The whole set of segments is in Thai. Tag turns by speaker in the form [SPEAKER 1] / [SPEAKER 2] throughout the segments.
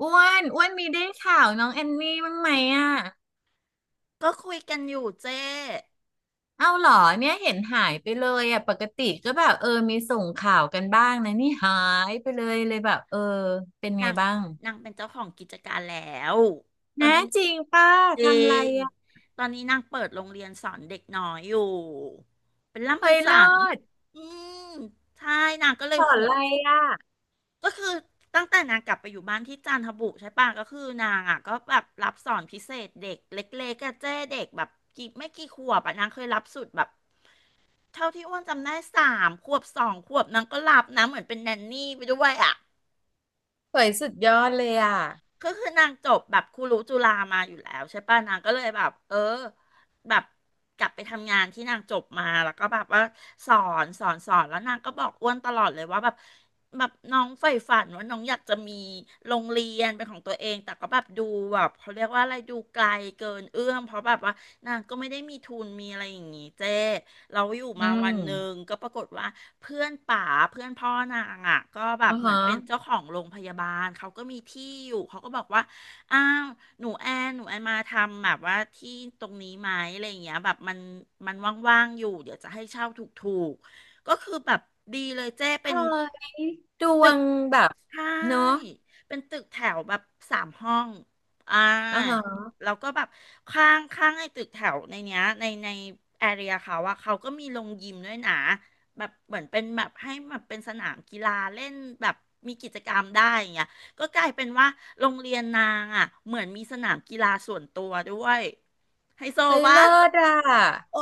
[SPEAKER 1] อ้วนอ้วนมีได้ข่าวน้องแอนนี่บ้างไหมอ่ะ
[SPEAKER 2] ก็คุยกันอยู่เจ้
[SPEAKER 1] เอาเหรอเนี่ยเห็นหายไปเลยอ่ะปกติก็แบบเออมีส่งข่าวกันบ้างนะนี่หายไปเลยเลยแบบเออเป็นไง
[SPEAKER 2] นาง
[SPEAKER 1] บ้าง
[SPEAKER 2] นางเป็นเจ้าของกิจการแล้วตอน
[SPEAKER 1] นะ
[SPEAKER 2] นี้
[SPEAKER 1] จริงป้า
[SPEAKER 2] จริ
[SPEAKER 1] ทำอะไร
[SPEAKER 2] ง
[SPEAKER 1] อ่ะ
[SPEAKER 2] ตอนนี้นางเปิดโรงเรียนสอนเด็กน้อยอยู่เป็นล่ำ
[SPEAKER 1] เฮ้
[SPEAKER 2] เป็น
[SPEAKER 1] ยเลิ
[SPEAKER 2] สัน
[SPEAKER 1] ศ
[SPEAKER 2] อืมใช่นางก็เล
[SPEAKER 1] ส
[SPEAKER 2] ย
[SPEAKER 1] อนอะ
[SPEAKER 2] ห่วง
[SPEAKER 1] ไรอ่ะ
[SPEAKER 2] ก็คือตั้งแต่นางกลับไปอยู่บ้านที่จันทบุรีใช่ปะก็คือนางอ่ะก็แบบรับสอนพิเศษเด็กเล็กๆอะเจ้เด็กแบบไม่กี่ขวบอ่ะนางเคยรับสุดแบบเท่าที่อ้วนจำได้3 ขวบ2 ขวบนางก็รับนะเหมือนเป็นแนนนี่ไปด้วยอ่ะ
[SPEAKER 1] เฮ้ยสุดยอดเลยอ่ะ
[SPEAKER 2] ก็คือนางจบแบบครูรู้จุฬามาอยู่แล้วใช่ป่ะนางก็เลยแบบแบบกลับไปทำงานที่นางจบมาแล้วก็แบบว่าสอสอนแล้วนางก็บอกอ้วนตลอดเลยว่าแบบน้องใฝ่ฝันว่าน้องอยากจะมีโรงเรียนเป็นของตัวเองแต่ก็แบบดูแบบเขาเรียกว่าอะไรดูไกลเกินเอื้อมเพราะแบบว่านางก็ไม่ได้มีทุนมีอะไรอย่างงี้เจ้ เราอยู่
[SPEAKER 1] อื
[SPEAKER 2] มา
[SPEAKER 1] ม
[SPEAKER 2] วันหนึ่งก็ปรากฏว่าเพื่อนป๋าเพื่อนพ่อนางอ่ะก็แบ
[SPEAKER 1] อ๋
[SPEAKER 2] บ
[SPEAKER 1] อ
[SPEAKER 2] เหมือ
[SPEAKER 1] ฮะ
[SPEAKER 2] นเป็นเจ้าของโรงพยาบาลเขาก็มีที่อยู่เขาก็บอกว่าอ้าวหนูแอนหนูแอนมาทำแบบว่าที่ตรงนี้ไหมอะไรอย่างเงี้ยแบบมันว่างๆอยู่เดี๋ยวจะให้เช่าถูกๆก็คือแบบดีเลยเจ้เป็
[SPEAKER 1] เฮ้
[SPEAKER 2] น
[SPEAKER 1] ยดว
[SPEAKER 2] ตึก
[SPEAKER 1] งแบบ
[SPEAKER 2] ใช่
[SPEAKER 1] เนาะ
[SPEAKER 2] เป็นตึกแถวแบบ3 ห้องอ่า
[SPEAKER 1] อ๋อฮะ
[SPEAKER 2] แล้วก็แบบข้างข้างไอ้ตึกแถวในเนี้ยในแอเรียเขาอะเขาก็มีโรงยิมด้วยนะแบบเหมือนเป็นแบบให้แบบเป็นสนามกีฬาเล่นแบบมีกิจกรรมได้อย่างเงี้ยก็กลายเป็นว่าโรงเรียนนางอะเหมือนมีสนามกีฬาส่วนตัวด้วยไฮโซ
[SPEAKER 1] เฮ้ย
[SPEAKER 2] วะ
[SPEAKER 1] เลิศอ่ะ
[SPEAKER 2] โอ้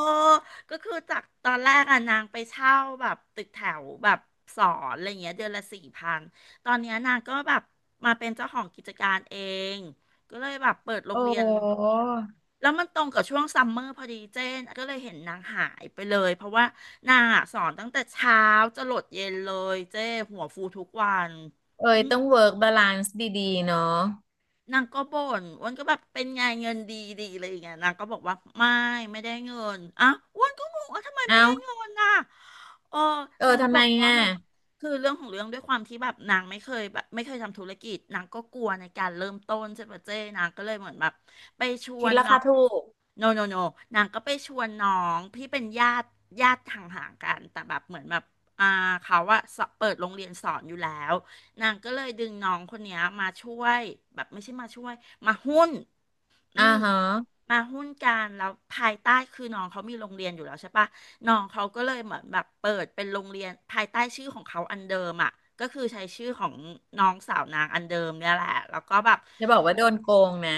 [SPEAKER 2] ก็คือจากตอนแรกอะนางไปเช่าแบบตึกแถวแบบสอนอะไรเงี้ยเดือนละ4,000ตอนเนี้ยนางก็แบบมาเป็นเจ้าของกิจการเองก็เลยแบบเปิดโร
[SPEAKER 1] โอ้
[SPEAKER 2] งเรียนแล้วมันตรงกับช่วงซัมเมอร์พอดีเจนก็เลยเห็นนางหายไปเลยเพราะว่านางอะสอนตั้งแต่เช้าจะหลดเย็นเลยเจ้หัวฟูทุกวัน
[SPEAKER 1] เอ้
[SPEAKER 2] อื
[SPEAKER 1] ย
[SPEAKER 2] ม
[SPEAKER 1] ต้องเวิร์กบาลานซ์ดีๆเนาะ
[SPEAKER 2] นางก็บ่นอ้วนก็แบบเป็นไงเงินดีดีอะไรอย่างเงี้ยนางก็บอกว่าไม่ได้เงินอ่ะอ้วนก็งงว่าทำไมไม่ได้
[SPEAKER 1] เอา
[SPEAKER 2] เงินน่ะเออ
[SPEAKER 1] เออ
[SPEAKER 2] นางก็
[SPEAKER 1] ทำ
[SPEAKER 2] บ
[SPEAKER 1] ไม
[SPEAKER 2] อกว่า
[SPEAKER 1] อ่ะ
[SPEAKER 2] แบบคือเรื่องของเรื่องด้วยความที่แบบนางไม่เคยทำธุรกิจนางก็กลัวในการเริ่มต้นใช่ปะเจ้นางก็เลยเหมือนแบบไปชว
[SPEAKER 1] คิด
[SPEAKER 2] น
[SPEAKER 1] ราคา
[SPEAKER 2] เนาะ
[SPEAKER 1] ถูก
[SPEAKER 2] โนโนโนนางก็ไปชวนน้องที่เป็นญาติห่างๆกันแต่แบบเหมือนแบบอ่าเขาอะสอบเปิดโรงเรียนสอนอยู่แล้ว นางก็เลยดึงน้องคนเนี้ยมาช่วยแบบไม่ใช่มาช่วยมาหุ้นอื
[SPEAKER 1] อ่า
[SPEAKER 2] ม
[SPEAKER 1] ฮะ
[SPEAKER 2] มาหุ้นกันแล้วภายใต้คือน้องเขามีโรงเรียนอยู่แล้วใช่ปะน้องเขาก็เลยเหมือนแบบเปิดเป็นโรงเรียนภายใต้ชื่อของเขาอันเดิมอ่ะก็คือใช้ชื่อของน้องสาวนางอันเดิมเนี่ยแหละแล้วก็แบบ
[SPEAKER 1] จะบอกว่าโดนโกงนะ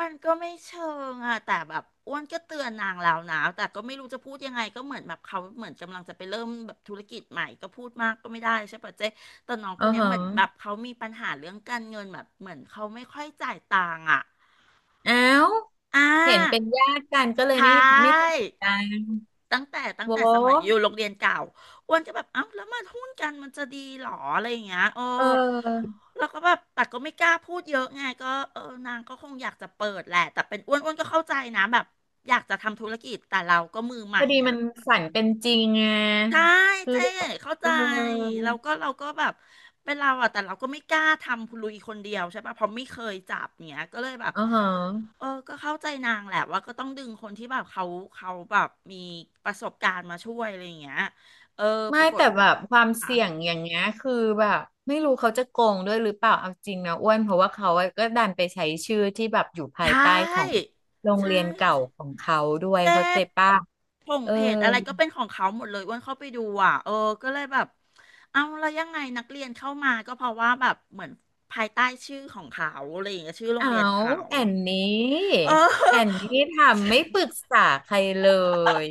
[SPEAKER 2] มันก็ไม่เชิงอะแต่แบบอ้วนก็เตือนนางแล้วนะแต่ก็ไม่รู้จะพูดยังไงก็เหมือนแบบเขาเหมือนกำลังจะไปเริ่มแบบธุรกิจใหม่ก็พูดมากก็ไม่ได้ใช่ปะเจ๊แต่น้องค
[SPEAKER 1] อ่า
[SPEAKER 2] นเนี้ย
[SPEAKER 1] ฮะ
[SPEAKER 2] เหมือนแบบเขามีปัญหาเรื่องการเงินแบบเหมือนเขาไม่ค่อยจ่ายตังค์อะ
[SPEAKER 1] อ้าว
[SPEAKER 2] อ่
[SPEAKER 1] เห็นเป็น
[SPEAKER 2] า
[SPEAKER 1] ญาติกันก็เลย
[SPEAKER 2] ใช่
[SPEAKER 1] ไม่สนิทกัน
[SPEAKER 2] ตั้งแต่ตั้ง
[SPEAKER 1] โว
[SPEAKER 2] แต่สมัยอยู่
[SPEAKER 1] ้
[SPEAKER 2] โรงเรียนเก่าอ้วนก็แบบเอ้าแล้วมาหุ้นกันมันจะดีหรออะไรอย่างเงี้ยเออ
[SPEAKER 1] เออ
[SPEAKER 2] แล้วก็แบบแต่ก็ไม่กล้าพูดเยอะไงก็เออนางก็คงอยากจะเปิดแหละแต่เป็นอ้วนอ้วนก็เข้าใจนะแบบอยากจะทำธุรกิจแต่เราก็มือให
[SPEAKER 1] พ
[SPEAKER 2] ม่
[SPEAKER 1] อดี
[SPEAKER 2] ไง
[SPEAKER 1] มันฝันเป็นจริงไง
[SPEAKER 2] ใช่
[SPEAKER 1] คือ
[SPEAKER 2] เจ๊
[SPEAKER 1] แบบ
[SPEAKER 2] เข้า
[SPEAKER 1] เอ
[SPEAKER 2] ใจ
[SPEAKER 1] อ
[SPEAKER 2] เราก็เราก็แบบเป็นเราอะแต่เราก็ไม่กล้าทำพลุยคนเดียวใช่ปะ เพราะไม่เคยจับเนี้ยก็เลยแบบ
[SPEAKER 1] อ่าฮะ
[SPEAKER 2] เออ ก็เข้าใจนางแหละว่าก็ต้องดึงคนที่แบบเขาแบบมีประสบการณ์มาช่วยอะไรอย่างเงี้ยเออ ป
[SPEAKER 1] ไม่
[SPEAKER 2] รากฏ
[SPEAKER 1] แต่แบบความ
[SPEAKER 2] ค่ะ
[SPEAKER 1] เสี่ยงอย่างเงี้ยคือแบบไม่รู้เขาจะโกงด้วยหรือเปล่าเอาจริงนะอ้วนเพราะว่าเขาก็ดันไปใช้ชื่อที่แบบอยู่
[SPEAKER 2] ใช
[SPEAKER 1] ภายใต้ของ
[SPEAKER 2] ่
[SPEAKER 1] โรง
[SPEAKER 2] ใช่
[SPEAKER 1] เรียนเก่าของเขาด้วย
[SPEAKER 2] เจ๊
[SPEAKER 1] เขาใจป้ะ
[SPEAKER 2] ผง
[SPEAKER 1] เออ
[SPEAKER 2] เพจอะไรก็เป็นของเขาหมดเลยอ้วนเข้าไปดูอ่ะเออ ก็เลยแบบเอาแล้วยังไงนักเรียนเข้ามาก็เพราะว่าแบบเหมือนภายใต้ชื่อของเขาอะไรอย่างเงี้ยชื่อโรงเรีย
[SPEAKER 1] เอา
[SPEAKER 2] นเขา
[SPEAKER 1] แอนนี้
[SPEAKER 2] เอ
[SPEAKER 1] แอน
[SPEAKER 2] อ
[SPEAKER 1] นี้ทำไม่ปรึกษาใครเลย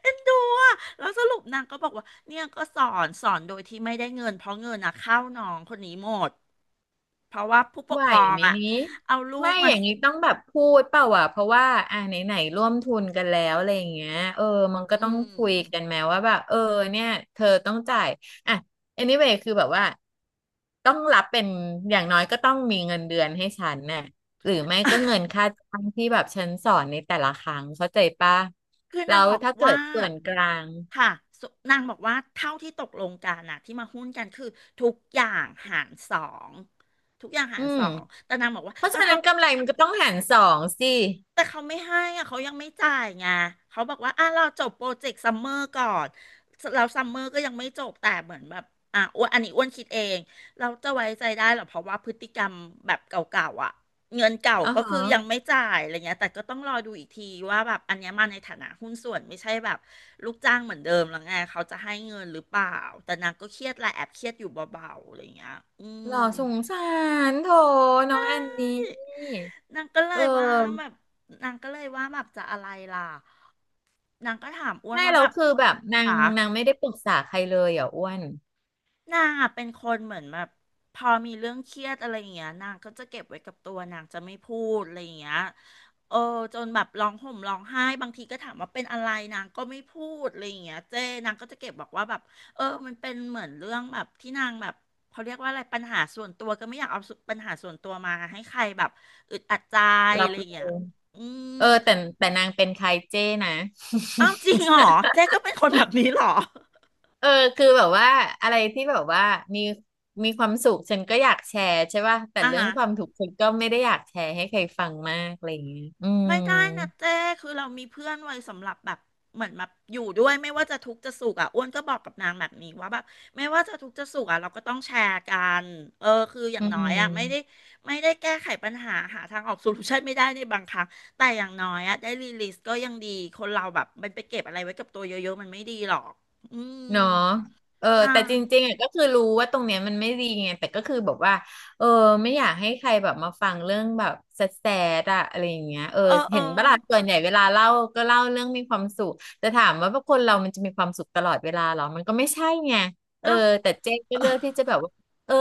[SPEAKER 2] เอ็นดูอ่ะแล้วสรุปนางก็บอกว่าเนี่ยก็สอนสอนโดยที่ไม่ได้เงินเพราะเงินนะเข้าน้องคนนี้หมดเพราะว่าผู้ป
[SPEAKER 1] ไห
[SPEAKER 2] ก
[SPEAKER 1] ว
[SPEAKER 2] ครอง
[SPEAKER 1] ไหม
[SPEAKER 2] อ่ะ
[SPEAKER 1] นี้
[SPEAKER 2] เอาลู
[SPEAKER 1] ไม่
[SPEAKER 2] ก
[SPEAKER 1] อ
[SPEAKER 2] มา
[SPEAKER 1] ย่างนี้ต้องแบบพูดเปล่าวะเพราะว่าอ่าไหนไหนร่วมทุนกันแล้วอะไรอย่างเงี้ยเออมัน
[SPEAKER 2] อื
[SPEAKER 1] ก็ต้องคุยกัน
[SPEAKER 2] ม
[SPEAKER 1] แม้ว่าแบบเออเนี่ยเธอต้องจ่ายอ่ะ anyway คือแบบว่าต้องรับเป็นอย่างน้อยก็ต้องมีเงินเดือนให้ฉันน่ะหรือไม่ก็เงินค่าจ้างที่แบบฉันสอนในแต่ละครั้งเข้าใจปะ
[SPEAKER 2] คือ
[SPEAKER 1] แล้
[SPEAKER 2] นาง
[SPEAKER 1] ว
[SPEAKER 2] บอก
[SPEAKER 1] ถ้าเกิ
[SPEAKER 2] ว่า
[SPEAKER 1] ดส่วนกลาง
[SPEAKER 2] ค่ะสุนางบอกว่าเท่าที่ตกลงกันนะที่มาหุ้นกันคือทุกอย่างหารสองทุกอย่างหา
[SPEAKER 1] อื
[SPEAKER 2] รส
[SPEAKER 1] ม
[SPEAKER 2] องแต่นางบอกว่า
[SPEAKER 1] เพราะ
[SPEAKER 2] เอา
[SPEAKER 1] ฉะ
[SPEAKER 2] ทำ
[SPEAKER 1] นั้นกำไรมันก็ต้องหารสองสิ
[SPEAKER 2] แต่เขาไม่ให้อะเขายังไม่จ่ายไงเขาบอกว่าอ่ะเราจบโปรเจกต์ซัมเมอร์ก่อนเราซัมเมอร์ก็ยังไม่จบแต่เหมือนแบบอ่ะอ้วนอันนี้อ้วนคิดเองเราจะไว้ใจได้เหรอเพราะว่าพฤติกรรมแบบเก่าๆอ่ะเงินเก่า
[SPEAKER 1] อ๋อ
[SPEAKER 2] ก็
[SPEAKER 1] ฮะ
[SPEAKER 2] คือยังไม่จ่ายอะไรเงี้ยแต่ก็ต้องรอดูอีกทีว่าแบบอันเนี้ยมาในฐานะหุ้นส่วนไม่ใช่แบบลูกจ้างเหมือนเดิมแล้วไงเขาจะให้เงินหรือเปล่าแต่นางก็เครียดแหละแอบเครียดอยู่เบาๆอะไรเงี้ยอื
[SPEAKER 1] หล่
[SPEAKER 2] ม
[SPEAKER 1] อสงสารโถน้องแอนนี่
[SPEAKER 2] นางก็เล
[SPEAKER 1] เอ
[SPEAKER 2] ยว่าแบ
[SPEAKER 1] อ
[SPEAKER 2] บนางก็เลยว่าแบบจะอะไรล่ะ นางก็ถามอ้วน
[SPEAKER 1] ใช่
[SPEAKER 2] ว่า
[SPEAKER 1] เรา
[SPEAKER 2] แบบ
[SPEAKER 1] คือแบบนาง
[SPEAKER 2] หา
[SPEAKER 1] นางไม่ได้ปรึกษาใครเลยอ่ะอ้วน
[SPEAKER 2] นางอะเป็นคนเหมือนแบบพอมีเรื่องเครียดอะไรอย่างเงี้ยนางก็จะเก็บไว้กับตัวนางจะไม่พูดอะไรอย่างเงี้ยเออจนแบบร้องห่มร้องไห้บางทีก็ถามว่าเป็นอะไรนางก็ไม่พูดอะไรอย่างเงี้ยเจ้นางก็จะเก็บบอกว่าแบบเออมันเป็นเหมือนเรื่องแบบที่นางแบบเขาเรียกว่าอะไรปัญหาส่วนตัวก็ไม่อยากเอาสุปัญหาส่วนตัวมาให้ใครแบบอึดอัดใจ
[SPEAKER 1] รั
[SPEAKER 2] อะ
[SPEAKER 1] บ
[SPEAKER 2] ไรอ
[SPEAKER 1] รู้
[SPEAKER 2] ย่างเงี้ยอืม
[SPEAKER 1] เออแต่นางเป็นใครเจ้นะ
[SPEAKER 2] อ้าวจริงเหรอเจ๊ก็เป็นคนแบบนี้เหรอ
[SPEAKER 1] เออคือแบบว่าอะไรที่แบบว่ามีมีความสุขฉันก็อยากแชร์ใช่ป่ะแต่
[SPEAKER 2] อ่า
[SPEAKER 1] เรื่อง
[SPEAKER 2] ฮะ
[SPEAKER 1] ความทุกข์ฉันก็ไม่ได้อยากแชร์ให้ใครฟังมากอะไรอย่างเงี้ยอืม
[SPEAKER 2] ไม่ได้นะเจ้คือเรามีเพื่อนไว้สำหรับแบบเหมือนแบบอยู่ด้วยไม่ว่าจะทุกข์จะสุขอ่ะอ้วนก็บอกกับนางแบบนี้ว่าแบบไม่ว่าจะทุกข์จะสุขอ่ะเราก็ต้องแชร์กันเออคืออย่า
[SPEAKER 1] อื
[SPEAKER 2] งน้อยอ่ะไม่ได้
[SPEAKER 1] ม
[SPEAKER 2] แก้ไขปัญหาหาทางออกโซลูชันไม่ได้ในบางครั้งแต่อย่างน้อยอ่ะได้รีลิสก็ยังดีคนเราแบบมันไปเก็บอะไรไว้กับตัวเยอะๆมันไม่ดีหรอกอืม
[SPEAKER 1] เนาะเออ
[SPEAKER 2] ใช
[SPEAKER 1] แต่จ
[SPEAKER 2] ่
[SPEAKER 1] ริงๆอ่ะก็คือรู้ว่าตรงเนี้ยมันไม่ดีไงแต่ก็คือแบบว่าเออไม่อยากให้ใครแบบมาฟังเรื่องแบบแสดๆอะอะไรอย่างเงี้ยเออ
[SPEAKER 2] เออเออ
[SPEAKER 1] เห็นปะล่ะส่วนใหญ่เวลาเล่าก็เล่าเรื่องมีความสุขแต่ถามว่าพวกคนเรามันจะมีความสุขตลอดเวลาเหรอมันก็ไม่ใช่ไงเออ
[SPEAKER 2] เอ้า
[SPEAKER 1] แต่เจ๊ก็เลือกที่จะแบบว่าเออ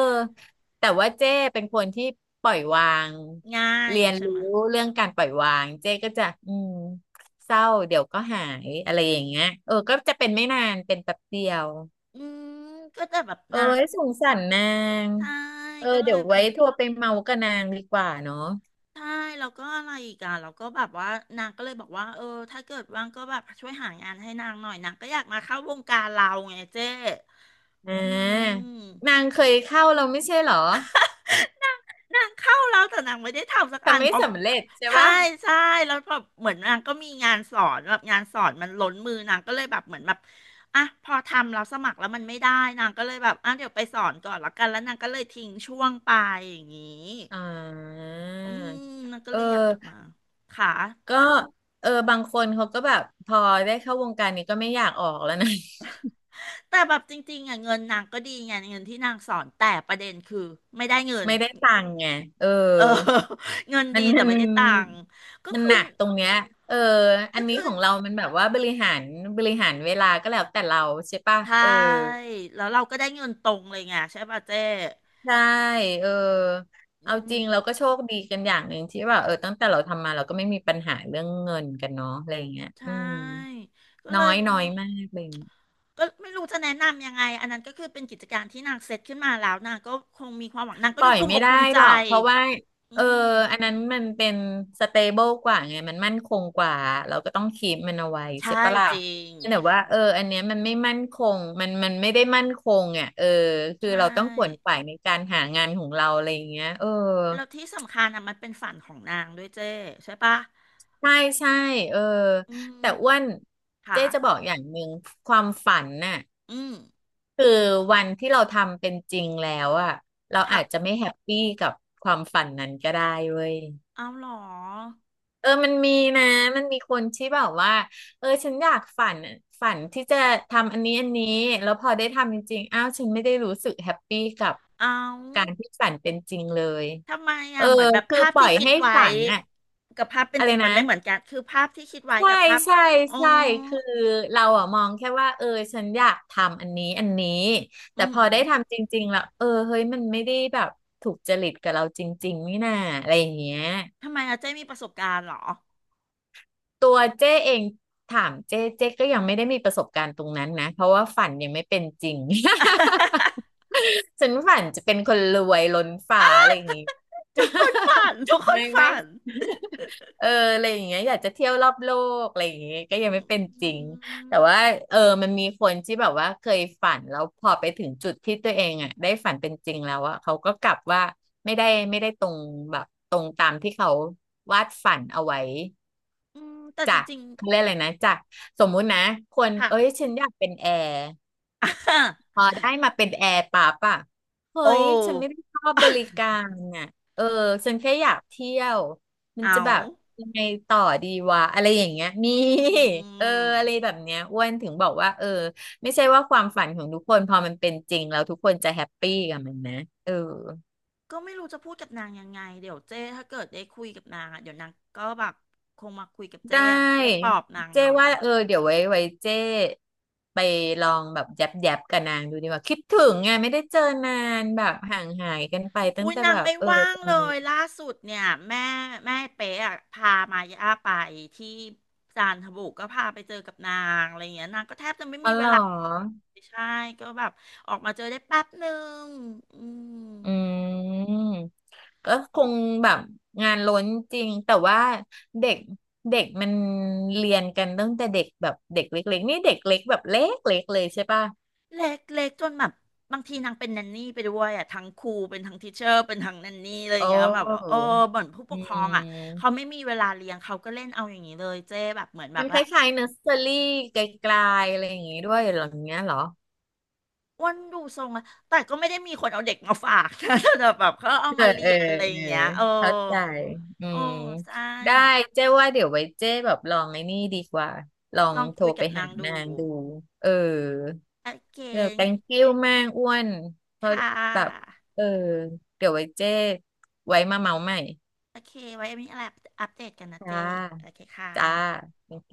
[SPEAKER 1] แต่ว่าเจ๊เป็นคนที่ปล่อยวาง
[SPEAKER 2] ง่าย
[SPEAKER 1] เรียน
[SPEAKER 2] ใช่
[SPEAKER 1] รู้
[SPEAKER 2] ไหม
[SPEAKER 1] เรื่องการปล่อยวางเจ๊ก็จะอืม เศร้าเดี๋ยวก็หายอะไรอย่างเงี้ยเออก็จะเป็นไม่นานเป็นแป๊บเดียว
[SPEAKER 2] อืมก็แต่แบบ
[SPEAKER 1] เออ
[SPEAKER 2] นะ
[SPEAKER 1] สงสารนาง
[SPEAKER 2] ใช่
[SPEAKER 1] เออ
[SPEAKER 2] ก็เล
[SPEAKER 1] เดี๋
[SPEAKER 2] ย
[SPEAKER 1] ยว
[SPEAKER 2] แบ
[SPEAKER 1] ไว้
[SPEAKER 2] บ
[SPEAKER 1] โทรไปเมากับนางดีกว่าเนาะ
[SPEAKER 2] ใช่แล้วก็อะไรอีกอ่ะแล้วก็แบบว่านางก็เลยบอกว่าเออถ้าเกิดว่างก็แบบช่วยหางานให้นางหน่อยนางก็อยากมาเข้าวงการเราไงเจ๊
[SPEAKER 1] อ่
[SPEAKER 2] อื
[SPEAKER 1] า
[SPEAKER 2] ม
[SPEAKER 1] นางเคยเข้าเราไม่ใช่เหรอ
[SPEAKER 2] นางเข้าแล้วแต่นางไม่ได้ทำสักอั
[SPEAKER 1] ทำ
[SPEAKER 2] น
[SPEAKER 1] ไม่
[SPEAKER 2] เพราะแบ
[SPEAKER 1] สำ
[SPEAKER 2] บ
[SPEAKER 1] เร็จใช่
[SPEAKER 2] ใช่
[SPEAKER 1] ปะ
[SPEAKER 2] ใช่แล้วแบบเหมือนนางก็มีงานสอนแบบงานสอนมันล้นมือนางก็เลยแบบเหมือนแบบอ่ะพอทำเราสมัครแล้วมันไม่ได้นางก็เลยแบบอ่ะเดี๋ยวไปสอนก่อนแล้วกันแล้วนางก็เลยทิ้งช่วงไปอย่างนี้
[SPEAKER 1] อ่า
[SPEAKER 2] อืมนางก็
[SPEAKER 1] เอ
[SPEAKER 2] เล
[SPEAKER 1] อ
[SPEAKER 2] ยอยากกลับมาค่ะ
[SPEAKER 1] ก็เออบางคนเขาก็แบบพอได้เข้าวงการนี้ก็ไม่อยากออกแล้วนะ
[SPEAKER 2] แต่แบบจริงๆอ่ะเงินนางก็ดีไงเงินที่นางสอนแต่ประเด็นคือไม่ได้เงิ น
[SPEAKER 1] ไม่ได้ตังค์ไงเออ
[SPEAKER 2] เออ เงิน
[SPEAKER 1] มั
[SPEAKER 2] ดี
[SPEAKER 1] น
[SPEAKER 2] แต่
[SPEAKER 1] มัน
[SPEAKER 2] ไม่ได้ตังค์ก็
[SPEAKER 1] มัน
[SPEAKER 2] คือ
[SPEAKER 1] หนักตรงเนี้ยเอออั
[SPEAKER 2] ก็
[SPEAKER 1] นนี้
[SPEAKER 2] คือ
[SPEAKER 1] ของเรามันแบบว่าบริหารเวลาก็แล้วแต่เราใช่ป่ะ
[SPEAKER 2] ใช่
[SPEAKER 1] เออ
[SPEAKER 2] แล้วเราก็ได้เงินตรงเลยไงใช่ป่ะเจ๊
[SPEAKER 1] ใช่ เออ
[SPEAKER 2] อื
[SPEAKER 1] เอาจ
[SPEAKER 2] ม
[SPEAKER 1] ริงเราก็โชคดีกันอย่างหนึ่งที่ว่าเออตั้งแต่เราทำมาเราก็ไม่มีปัญหาเรื่องเงินกันเนาะอะไรอย่างเงี้ย
[SPEAKER 2] ใช
[SPEAKER 1] อืม
[SPEAKER 2] ่ก็เล
[SPEAKER 1] น้อ
[SPEAKER 2] ย
[SPEAKER 1] ย
[SPEAKER 2] บอก
[SPEAKER 1] น้อย
[SPEAKER 2] ว่า
[SPEAKER 1] มากเลย
[SPEAKER 2] ก็ไม่รู้จะแนะนำยังไงอันนั้นก็คือเป็นกิจการที่นางเซตขึ้นมาแล้วนางก็คงมีความหวังนางก็
[SPEAKER 1] ปล่
[SPEAKER 2] ดู
[SPEAKER 1] อย
[SPEAKER 2] ภูมิ
[SPEAKER 1] ไม่
[SPEAKER 2] อก
[SPEAKER 1] ได้
[SPEAKER 2] ภูมิใจ
[SPEAKER 1] หรอกเพราะว่า
[SPEAKER 2] อื
[SPEAKER 1] เออ
[SPEAKER 2] ม
[SPEAKER 1] อันนั้นมันเป็นสเตเบิลกว่าไงมันมั่นคงกว่าเราก็ต้องคีปมันเอาไว้ใช่
[SPEAKER 2] ใช่
[SPEAKER 1] ปะล่ะ
[SPEAKER 2] จริง
[SPEAKER 1] แต่ว่าเอออันเนี้ยมันไม่มั่นคงมันมันไม่ได้มั่นคงอ่ะเออคือ
[SPEAKER 2] ใช่
[SPEAKER 1] เราต้องขวนขวายในการหางานของเราอะไรอย่างเงี้ยเออ
[SPEAKER 2] แล้วที่สำคัญอ่ะมันเป็นฝันของนางด้วยเจ้ใช่ปะ
[SPEAKER 1] ใช่ใช่เออ
[SPEAKER 2] อื
[SPEAKER 1] แต่อ้วน
[SPEAKER 2] มค่ะ
[SPEAKER 1] เจ๊จะบอกอย่างหนึ่งความฝันน่ะ
[SPEAKER 2] อืม
[SPEAKER 1] คือวันที่เราทำเป็นจริงแล้วอ่ะเราอาจจะ
[SPEAKER 2] ค่ะ
[SPEAKER 1] ไม่แฮปปี้กับความฝันนั้นก็ได้เว้ย
[SPEAKER 2] เอาเหรอ
[SPEAKER 1] เออมันมีนะมันมีคนที่แบบว่าเออฉันอยากฝันฝันที่จะทำอันนี้อันนี้แล้วพอได้ทำจริงๆอ้าวฉันไม่ได้รู้สึกแฮปปี้กับ
[SPEAKER 2] เอา
[SPEAKER 1] การที่ฝันเป็นจริงเลย
[SPEAKER 2] ทำไม
[SPEAKER 1] เอ
[SPEAKER 2] อ่ะ
[SPEAKER 1] อ
[SPEAKER 2] เหมือนแบบ
[SPEAKER 1] คือ
[SPEAKER 2] ภาพ
[SPEAKER 1] ปล่อ
[SPEAKER 2] ที่
[SPEAKER 1] ย
[SPEAKER 2] คิด
[SPEAKER 1] ให้
[SPEAKER 2] ไว้
[SPEAKER 1] ฝันน่ะ
[SPEAKER 2] กับภาพเป็
[SPEAKER 1] อะ
[SPEAKER 2] น
[SPEAKER 1] ไร
[SPEAKER 2] จริงมั
[SPEAKER 1] นะ
[SPEAKER 2] นไม่เหมือนกันคือภาพที่คิดไว้
[SPEAKER 1] ใช่
[SPEAKER 2] กับภาพ
[SPEAKER 1] ใช่
[SPEAKER 2] อ๋อ
[SPEAKER 1] ใช่คือเราอะมองแค่ว่าเออฉันอยากทำอันนี้อันนี้
[SPEAKER 2] อื
[SPEAKER 1] แต่พอได้
[SPEAKER 2] ม
[SPEAKER 1] ทำจริงๆแล้วเออเฮ้ยมันไม่ได้แบบถูกจริตกับเราจริงๆนี่นาอะไรอย่างเงี้ย
[SPEAKER 2] ทำไมอาเจ้มีประสบการณ์เหรอ
[SPEAKER 1] ตัวเจ้เองถามเจ้ก็ยังไม่ได้มีประสบการณ์ตรงนั้นนะเพราะว่าฝันยังไม่เป็นจริง ฉันฝันจะเป็นคนรวยล้นฟ้าอะไรอย่างงี้
[SPEAKER 2] ทุกคนฝัน
[SPEAKER 1] ไม่ไม่เอออะไรอย่างเงี้ยอยากจะเที่ยวรอบโลกอะไรอย่างเงี้ยก็ยัง
[SPEAKER 2] อ
[SPEAKER 1] ไม่เป็นจริ
[SPEAKER 2] ื
[SPEAKER 1] งแต่ว่า
[SPEAKER 2] ม
[SPEAKER 1] เออมันมีคนที่แบบว่าเคยฝันแล้วพอไปถึงจุดที่ตัวเองอ่ะได้ฝันเป็นจริงแล้วอ่ะเขาก็กลับว่าไม่ได้ไม่ได้ตรงแบบตรงตามที่เขาวาดฝันเอาไว้
[SPEAKER 2] อืมแต่
[SPEAKER 1] จา
[SPEAKER 2] จ
[SPEAKER 1] ก
[SPEAKER 2] ริง
[SPEAKER 1] เขาเรียกอะไรนะจากสมมุตินะคน
[SPEAKER 2] ๆค่ะ
[SPEAKER 1] เอ้ยฉันอยากเป็นแอร์พ อได้มาเป็นแอร์ปั๊บอะเฮ้
[SPEAKER 2] โอ้
[SPEAKER 1] ยฉันไม่ได้ชอบบริการน่ะเออฉันแค่อยากเที่ยวมั นจะ
[SPEAKER 2] เอา
[SPEAKER 1] แบบยังไงต่อดีวะอะไรอย่างเงี้ยมี
[SPEAKER 2] อื
[SPEAKER 1] เออ
[SPEAKER 2] ม
[SPEAKER 1] อะไรแบบเนี้ยอ้วนถึงบอกว่าเออไม่ใช่ว่าความฝันของทุกคนพอมันเป็นจริงแล้วทุกคนจะแฮปปี้กับมันนะเออ
[SPEAKER 2] ก็ไม่รู้จะพูดกับนางยังไงเดี๋ยวเจ้ถ้าเกิดได้คุยกับนางอ่ะเดี๋ยวนางก็แบบคงมาคุยกับเจ้
[SPEAKER 1] ได้
[SPEAKER 2] อะเจ้ปลอบนาง
[SPEAKER 1] เจ้
[SPEAKER 2] หน่อย
[SPEAKER 1] ว่าเออเดี๋ยวไว้เจ้ไปลองแบบแยบแยบกับนางดูดีกว่าคิดถึงไงไม่ได้เจอนานแบบห่างหายกันไปตั้
[SPEAKER 2] อุ้
[SPEAKER 1] ง
[SPEAKER 2] ย
[SPEAKER 1] แต่
[SPEAKER 2] นา
[SPEAKER 1] แบ
[SPEAKER 2] ง
[SPEAKER 1] บ
[SPEAKER 2] ไม่
[SPEAKER 1] เออ
[SPEAKER 2] ว่าง
[SPEAKER 1] ตอ
[SPEAKER 2] เล
[SPEAKER 1] นนี้
[SPEAKER 2] ยล่าสุดเนี่ยแม่เป๊ะอะพามาย่าไปที่จันทบุรีก็พาไปเจอกับนางอะไรอย่างเงี้ยนางก็แทบจะไม่
[SPEAKER 1] อ๋อ
[SPEAKER 2] มี
[SPEAKER 1] เห
[SPEAKER 2] เว
[SPEAKER 1] รอ
[SPEAKER 2] ลาใช่ก็แบบออกมาเจอได้แป๊บหนึ่งอืม
[SPEAKER 1] อืมก็คงแบบงานล้นจริงแต่ว่าเด็กเด็กมันเรียนกันตั้งแต่เด็กแบบเด็กเล็กๆนี่เด็กเล็กแบบเล็กๆเลยใช่ป่ะ
[SPEAKER 2] เล็กเล็กจนแบบบางทีนางเป็นแนนนี่ไปด้วยอ่ะทั้งครูเป็นทั้งทิเชอร์เป็นทั้งแนนนี่อะไรอ
[SPEAKER 1] โอ
[SPEAKER 2] ย่างเงี้ยแบบว่าเอ
[SPEAKER 1] ้
[SPEAKER 2] อบ่นผู้ป
[SPEAKER 1] อื
[SPEAKER 2] กครองอ่ะเขา
[SPEAKER 1] ม
[SPEAKER 2] ไม่มีเวลาเลี้ยงเขาก็เล่นเอาอย่างนี้เลยเจ๊แบบเหมือนแบ
[SPEAKER 1] มั
[SPEAKER 2] บ
[SPEAKER 1] นค
[SPEAKER 2] ว่า
[SPEAKER 1] ล้ายๆเนอร์เซอรี่ไกลๆอะไรอย่างงี้ด้วยเหรออย่างเงี้ยเหรอ
[SPEAKER 2] อ้วนดูทรงอะแต่ก็ไม่ได้มีคนเอาเด็กมาฝากนะแต่แบบเขาเอา
[SPEAKER 1] เออ
[SPEAKER 2] มาเรี
[SPEAKER 1] เออ
[SPEAKER 2] ยนอะไร
[SPEAKER 1] เอ
[SPEAKER 2] อ
[SPEAKER 1] อ
[SPEAKER 2] ย่างเงี้ยเออ
[SPEAKER 1] เข้าใจอื
[SPEAKER 2] โอ้
[SPEAKER 1] ม
[SPEAKER 2] ใช่
[SPEAKER 1] ได้เจ๊ว่าเดี๋ยวไว้เจ๊แบบลองไอ้นี่ดีกว่าลอ
[SPEAKER 2] ล
[SPEAKER 1] ง
[SPEAKER 2] อง
[SPEAKER 1] โทร
[SPEAKER 2] คุย
[SPEAKER 1] ไป
[SPEAKER 2] กับนา
[SPEAKER 1] หา
[SPEAKER 2] งดู
[SPEAKER 1] นางดูเออ
[SPEAKER 2] โอเค
[SPEAKER 1] เดี๋ยว thank you มากอ้วนเพราะ
[SPEAKER 2] ค่
[SPEAKER 1] แบบ
[SPEAKER 2] ะ
[SPEAKER 1] เออเดี๋ยวไว้เจ๊ไว้มาเมาใหม่
[SPEAKER 2] โอเคไว้มีอะไรอัปเดตกันนะ
[SPEAKER 1] จ้า
[SPEAKER 2] เจ๊โอเคค่ะ
[SPEAKER 1] จ้า thank you